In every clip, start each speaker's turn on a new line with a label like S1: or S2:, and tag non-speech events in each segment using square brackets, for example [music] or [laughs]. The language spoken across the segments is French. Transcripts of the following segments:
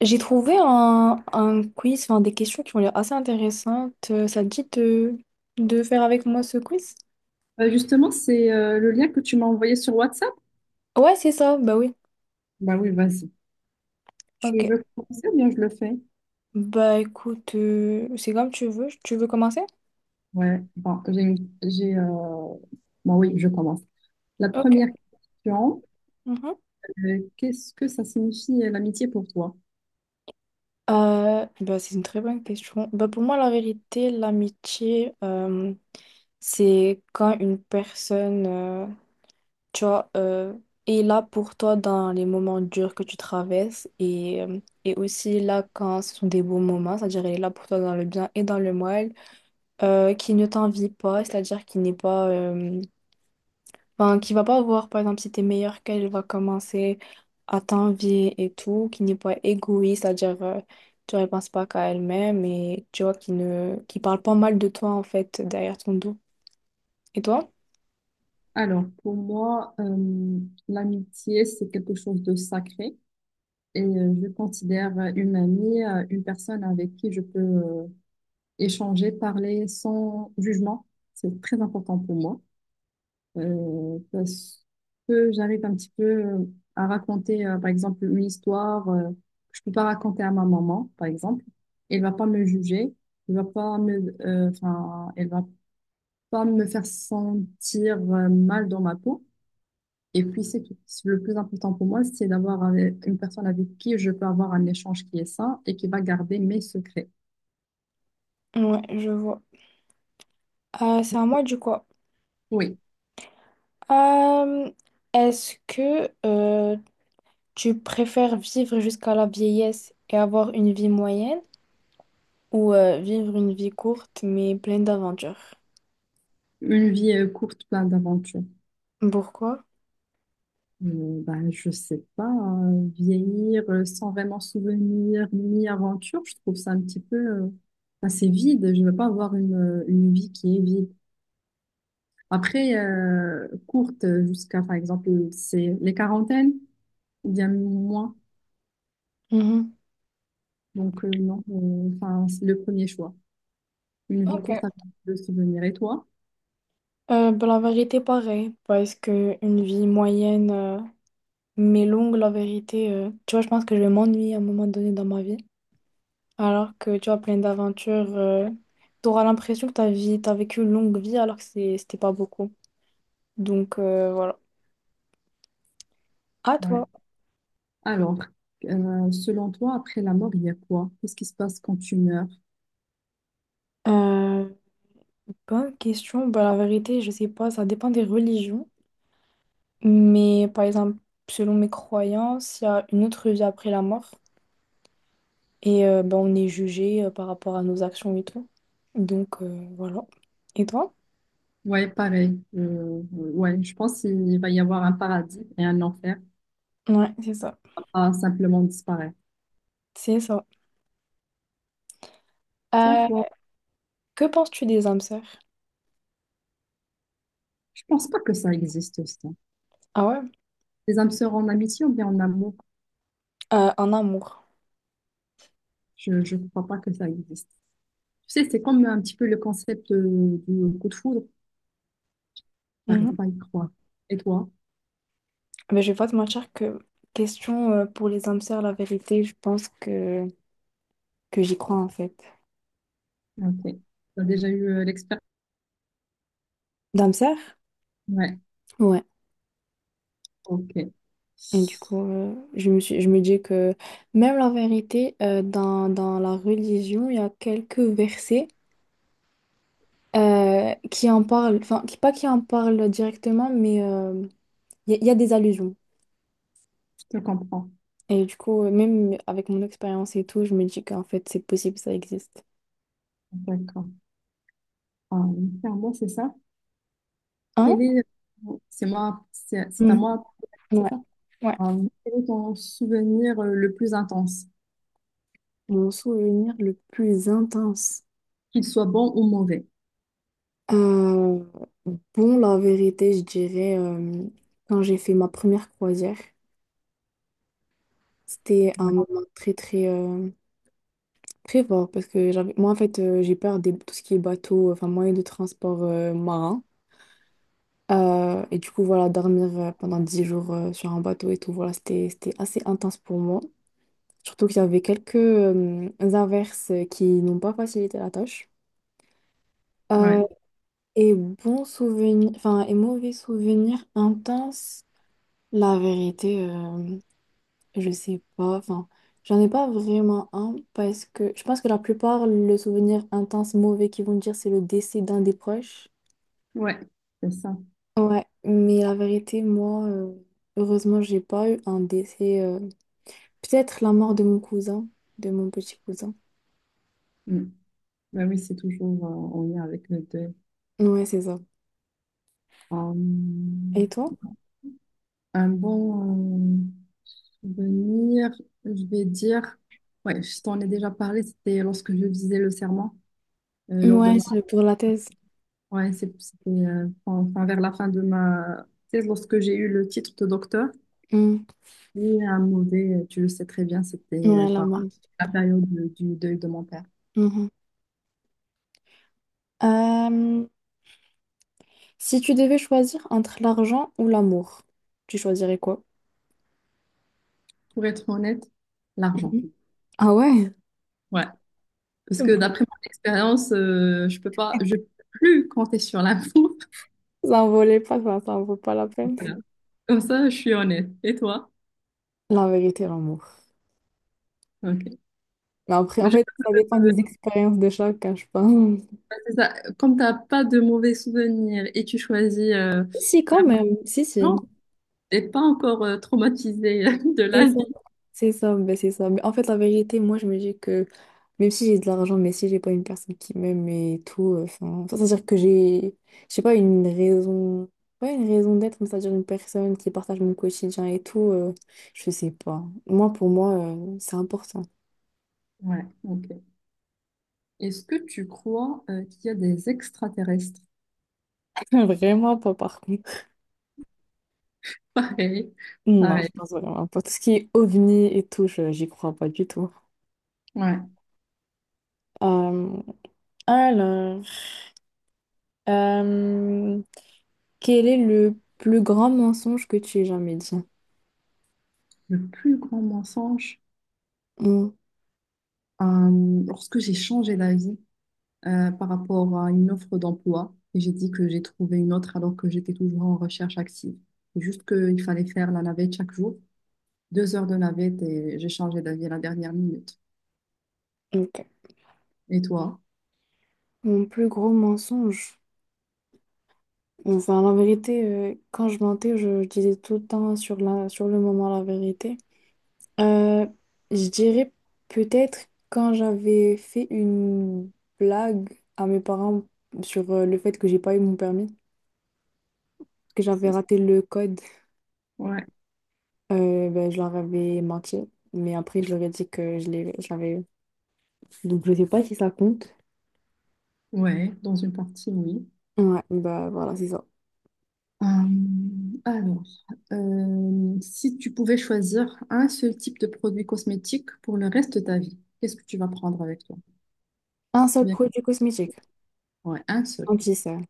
S1: J'ai trouvé un quiz, enfin des questions qui ont l'air assez intéressantes. Ça te dit de faire avec moi ce quiz?
S2: Bah, justement, c'est le lien que tu m'as envoyé sur WhatsApp.
S1: Ouais, c'est ça, bah oui.
S2: Bah oui, vas-y. Tu
S1: Ok.
S2: veux commencer ou bien je le fais?
S1: Bah écoute, c'est comme tu veux. Tu veux commencer?
S2: Ouais. Bon, bon, oui, je commence. La
S1: Ok.
S2: première question,
S1: Mhm.
S2: qu'est-ce que ça signifie l'amitié pour toi?
S1: Bah, c'est une très bonne question. Bah, pour moi, la vérité, l'amitié, c'est quand une personne tu vois, est là pour toi dans les moments durs que tu traverses et aussi là quand ce sont des beaux moments, c'est-à-dire elle est là pour toi dans le bien et dans le mal, qui ne t'envie pas, c'est-à-dire qui n'est pas, enfin, qui va pas voir, par exemple, si t'es meilleur qu'elle, elle va commencer à t'envier et tout, qui n'est pas égoïste, c'est-à-dire, tu ne penses pas qu'à elle-même et tu vois, qui parle pas mal de toi, en fait, derrière ton dos. Et toi?
S2: Alors, pour moi, l'amitié, c'est quelque chose de sacré et je considère une amie, une personne avec qui je peux échanger, parler sans jugement. C'est très important pour moi. Parce que j'arrive un petit peu à raconter, par exemple, une histoire que je peux pas raconter à ma maman, par exemple. Elle va pas me juger, elle va pas me, enfin, elle va pas me faire sentir mal dans ma peau. Et puis c'est tout. Le plus important pour moi, c'est d'avoir une personne avec qui je peux avoir un échange qui est sain et qui va garder mes secrets.
S1: Ouais, je vois. C'est à moi du coup.
S2: Oui,
S1: Euh, Est-ce que tu préfères vivre jusqu'à la vieillesse et avoir une vie moyenne ou vivre une vie courte mais pleine d'aventures?
S2: une vie courte, pleine d'aventures.
S1: Pourquoi?
S2: Ben, je sais pas, hein, vieillir sans vraiment souvenir ni aventure, je trouve ça un petit peu assez vide. Je ne veux pas avoir une vie qui est vide. Après, courte jusqu'à, par exemple, c'est les quarantaines ou bien moins.
S1: Mhm.
S2: Donc, non, enfin, c'est le premier choix. Une vie
S1: Ok.
S2: courte avec de souvenirs. Et toi?
S1: Ben, la vérité, pareil, parce que une vie moyenne mais longue, la vérité, tu vois, je pense que je vais m'ennuyer à un moment donné dans ma vie. Alors que tu as plein d'aventures, tu auras l'impression que ta vie, t'as vécu une longue vie alors que c'était pas beaucoup. Donc voilà. À
S2: Ouais.
S1: toi.
S2: Alors, selon toi, après la mort, il y a quoi? Qu'est-ce qui se passe quand tu meurs?
S1: Euh, Bonne question. Bah, la vérité, je sais pas, ça dépend des religions. Mais par exemple, selon mes croyances, il y a une autre vie après la mort. Et bah, on est jugé par rapport à nos actions et tout. Donc voilà. Et toi?
S2: Ouais, pareil. Ouais, je pense qu'il va y avoir un paradis et un enfer
S1: Ouais, c'est ça.
S2: à simplement disparaître.
S1: C'est ça.
S2: C'est à
S1: Euh,
S2: toi.
S1: que penses-tu des âmes sœurs?
S2: Je pense pas que ça existe, ça.
S1: Ah ouais?
S2: Les âmes sœurs en amitié ou bien en amour,
S1: En amour.
S2: je crois pas que ça existe. Tu sais, c'est comme un petit peu le concept du coup de foudre. J'arrive pas à y croire. Et toi?
S1: Mais je vais pas te mentir que question pour les âmes sœurs la vérité, je pense que j'y crois en fait.
S2: Ok. T'as déjà eu l'expérience?
S1: D'âmes sœurs.
S2: Ouais,
S1: Ouais.
S2: ok. Je
S1: Et du coup, je me dis que même la vérité, dans la religion, il y a quelques versets qui en parlent, enfin, pas qui en parlent directement, mais il y a des allusions.
S2: te comprends.
S1: Et du coup, même avec mon expérience et tout, je me dis qu'en fait, c'est possible, ça existe.
S2: D'accord. Ah, oui. C'est à moi, c'est ça.
S1: Hein?
S2: Quel est... C'est à
S1: Mhm.
S2: moi, c'est
S1: Ouais,
S2: ça?
S1: ouais.
S2: Quel est ton souvenir le plus intense,
S1: Mon souvenir le plus intense.
S2: qu'il soit bon ou mauvais?
S1: Euh, bon, la vérité, je dirais, quand j'ai fait ma première croisière, c'était un
S2: Ouais,
S1: moment très, très, très fort parce que j'avais, moi, en fait, j'ai peur de tout ce qui est bateau, enfin, moyen de transport marin. Et du coup, voilà, dormir pendant 10 jours sur un bateau et tout, voilà, c'était assez intense pour moi. Surtout qu'il y avait quelques averses qui n'ont pas facilité la tâche.
S2: ouais,
S1: Euh, et bons souvenirs, enfin, et mauvais souvenirs intenses. La vérité, je sais pas. Enfin, j'en ai pas vraiment un parce que je pense que la plupart, le souvenir intense mauvais qu'ils vont me dire, c'est le décès d'un des proches.
S2: ouais, c'est ça.
S1: Ouais, mais la vérité, moi, heureusement, j'ai pas eu un décès. Peut-être la mort de mon cousin, de mon petit cousin.
S2: Mm. Ben oui, c'est toujours en lien avec le deuil.
S1: Ouais, c'est ça.
S2: Euh,
S1: Et toi?
S2: un bon souvenir, je vais dire, ouais, je t'en ai déjà parlé, c'était lorsque je disais le serment, euh, lors de
S1: Ouais,
S2: ma,
S1: c'est pour la thèse.
S2: ouais, c'était enfin vers la fin de ma thèse, lorsque j'ai eu le titre de docteur.
S1: Mm.
S2: Et un mauvais, tu le sais très bien, c'était
S1: Ouais, la
S2: par
S1: mort.
S2: la du deuil de mon père.
S1: Mhm. Euh, Si tu devais choisir entre l'argent ou l'amour, tu choisirais quoi?
S2: Pour être honnête, l'argent.
S1: Mhm. Ah ouais?
S2: Ouais. Parce que d'après
S1: [laughs]
S2: mon expérience, je peux pas, je peux plus compter sur l'amour. [laughs]
S1: S'envoler pas, ça en vaut pas la peine.
S2: Voilà. Comme ça, je suis honnête. Et toi?
S1: La vérité, l'amour.
S2: Ok.
S1: Mais après,
S2: Bah,
S1: en
S2: je-
S1: fait, ça dépend des expériences de chacun, je pense.
S2: bah, c'est ça. Comme t'as pas de mauvais souvenirs et tu choisis
S1: Si, si, quand même. Si, si.
S2: l'argent, t'es pas encore traumatisé [laughs] de
S1: C'est
S2: la
S1: ça.
S2: vie.
S1: C'est ça, ben, c'est ça. Mais en fait, la vérité, moi, je me dis que même si j'ai de l'argent, mais si j'ai pas une personne qui m'aime et tout, enfin, c'est-à-dire que j'ai, je sais pas, une raison, ouais, une raison d'être, mais c'est-à-dire une personne qui partage mon quotidien et tout, je sais pas. Moi, pour moi, c'est important.
S2: Ouais. Ok. Est-ce que tu crois qu'il y a des extraterrestres?
S1: [laughs] Vraiment pas, par contre.
S2: [laughs] Pareil.
S1: Non,
S2: Pareil.
S1: je pense vraiment pas. Tout ce qui est ovni et tout, j'y crois pas du tout.
S2: Ouais.
S1: Euh, alors, euh, quel est le plus grand mensonge que tu aies jamais dit?
S2: Le plus grand mensonge,
S1: Mon,
S2: lorsque j'ai changé d'avis, par rapport à une offre d'emploi. Et j'ai dit que j'ai trouvé une autre alors que j'étais toujours en recherche active. C'est juste qu'il fallait faire la navette chaque jour. Deux heures de navette et j'ai changé d'avis à la dernière minute.
S1: ok.
S2: Et toi?
S1: Mon plus gros mensonge. Enfin, la vérité, quand je mentais, je disais tout le temps sur sur le moment la vérité. Euh, je dirais peut-être quand j'avais fait une blague à mes parents sur le fait que j'ai pas eu mon permis, que j'avais
S2: C'est ça.
S1: raté le code.
S2: Ouais,
S1: Ben, je leur avais menti, mais après, je leur ai dit que je l'avais eu. Donc, je sais pas si ça compte.
S2: ouais, dans une partie, oui.
S1: Ouais, bah voilà, c'est ça.
S2: Alors, si tu pouvais choisir un seul type de produit cosmétique pour le reste de ta vie, qu'est-ce que tu vas prendre avec toi?
S1: Un seul
S2: Bien,
S1: produit cosmétique,
S2: ouais, un seul.
S1: anti-cernes.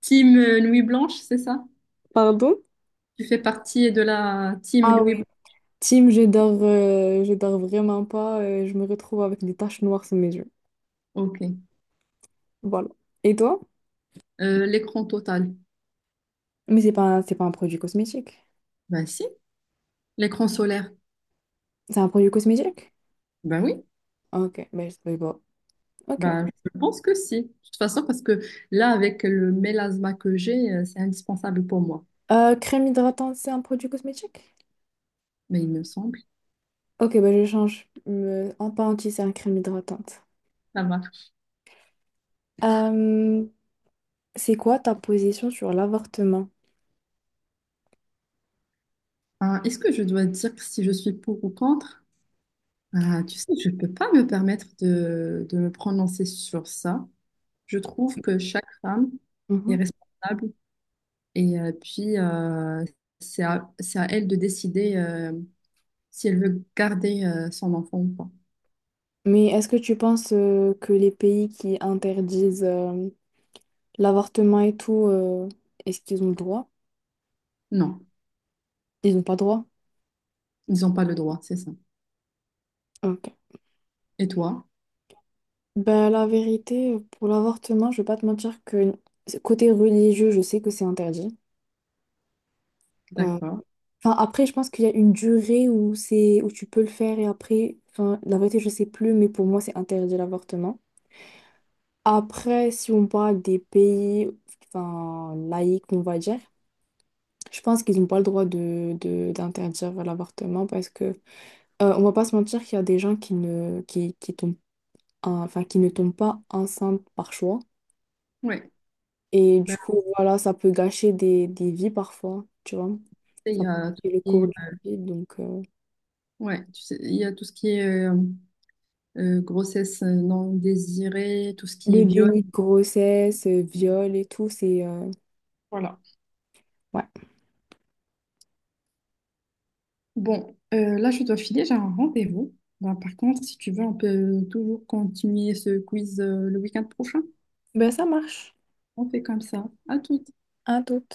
S2: Team Nuit Blanche, c'est ça?
S1: Pardon?
S2: Tu fais partie de la team
S1: Ah oui,
S2: Nuit Blanche.
S1: Tim je dors vraiment pas, je me retrouve avec des taches noires sous mes yeux.
S2: Ok.
S1: Voilà. Et toi?
S2: L'écran total?
S1: C'est pas un produit cosmétique.
S2: Ben si. L'écran solaire?
S1: C'est un produit cosmétique?
S2: Ben oui.
S1: Ok, ben je savais pas. Ok.
S2: Ben, je pense que si. De toute façon, parce que là, avec le mélasma que j'ai, c'est indispensable pour moi.
S1: Crème hydratante, c'est un produit cosmétique?
S2: Mais il me semble,
S1: Ok, ben je change. En pas anti, c'est un crème hydratante.
S2: ça marche.
S1: C'est quoi ta position sur l'avortement?
S2: Ah, est-ce que je dois dire si je suis pour ou contre? Ah, tu sais, je ne peux pas me permettre de me prononcer sur ça. Je trouve que chaque femme est
S1: Mhm.
S2: responsable et puis c'est à elle de décider si elle veut garder son enfant ou pas.
S1: Mais est-ce que tu penses que les pays qui interdisent l'avortement et tout, est-ce qu'ils ont le droit?
S2: Non.
S1: Ils n'ont pas le droit?
S2: Ils n'ont pas le droit, c'est ça.
S1: Ok.
S2: Et toi?
S1: Ben, la vérité, pour l'avortement, je vais pas te mentir que côté religieux, je sais que c'est interdit. Euh,
S2: D'accord.
S1: Enfin, après, je pense qu'il y a une durée où tu peux le faire et après, enfin, la vérité, je sais plus, mais pour moi, c'est interdit l'avortement. Après, si on parle des pays, enfin, laïcs, on va dire. Je pense qu'ils n'ont pas le droit de, d'interdire l'avortement parce que on va pas se mentir qu'il y a des gens qui ne qui tombent enfin qui ne tombent pas enceintes par choix
S2: Ouais.
S1: et du
S2: Ben,
S1: coup voilà ça peut gâcher des vies parfois tu vois,
S2: après, il
S1: ça
S2: y
S1: peut
S2: a tout
S1: gâcher le
S2: ce qui
S1: cours
S2: est,
S1: d'une vie donc
S2: ouais, tu sais, il y a tout ce qui est grossesse non désirée, tout ce qui est
S1: le
S2: viol.
S1: déni de grossesse viol et tout c'est
S2: Voilà.
S1: ouais,
S2: Bon, là, je dois filer, j'ai un rendez-vous. Ben, par contre, si tu veux, on peut toujours continuer ce quiz le week-end prochain.
S1: ben ça marche.
S2: On fait comme ça. À tout.
S1: À tout.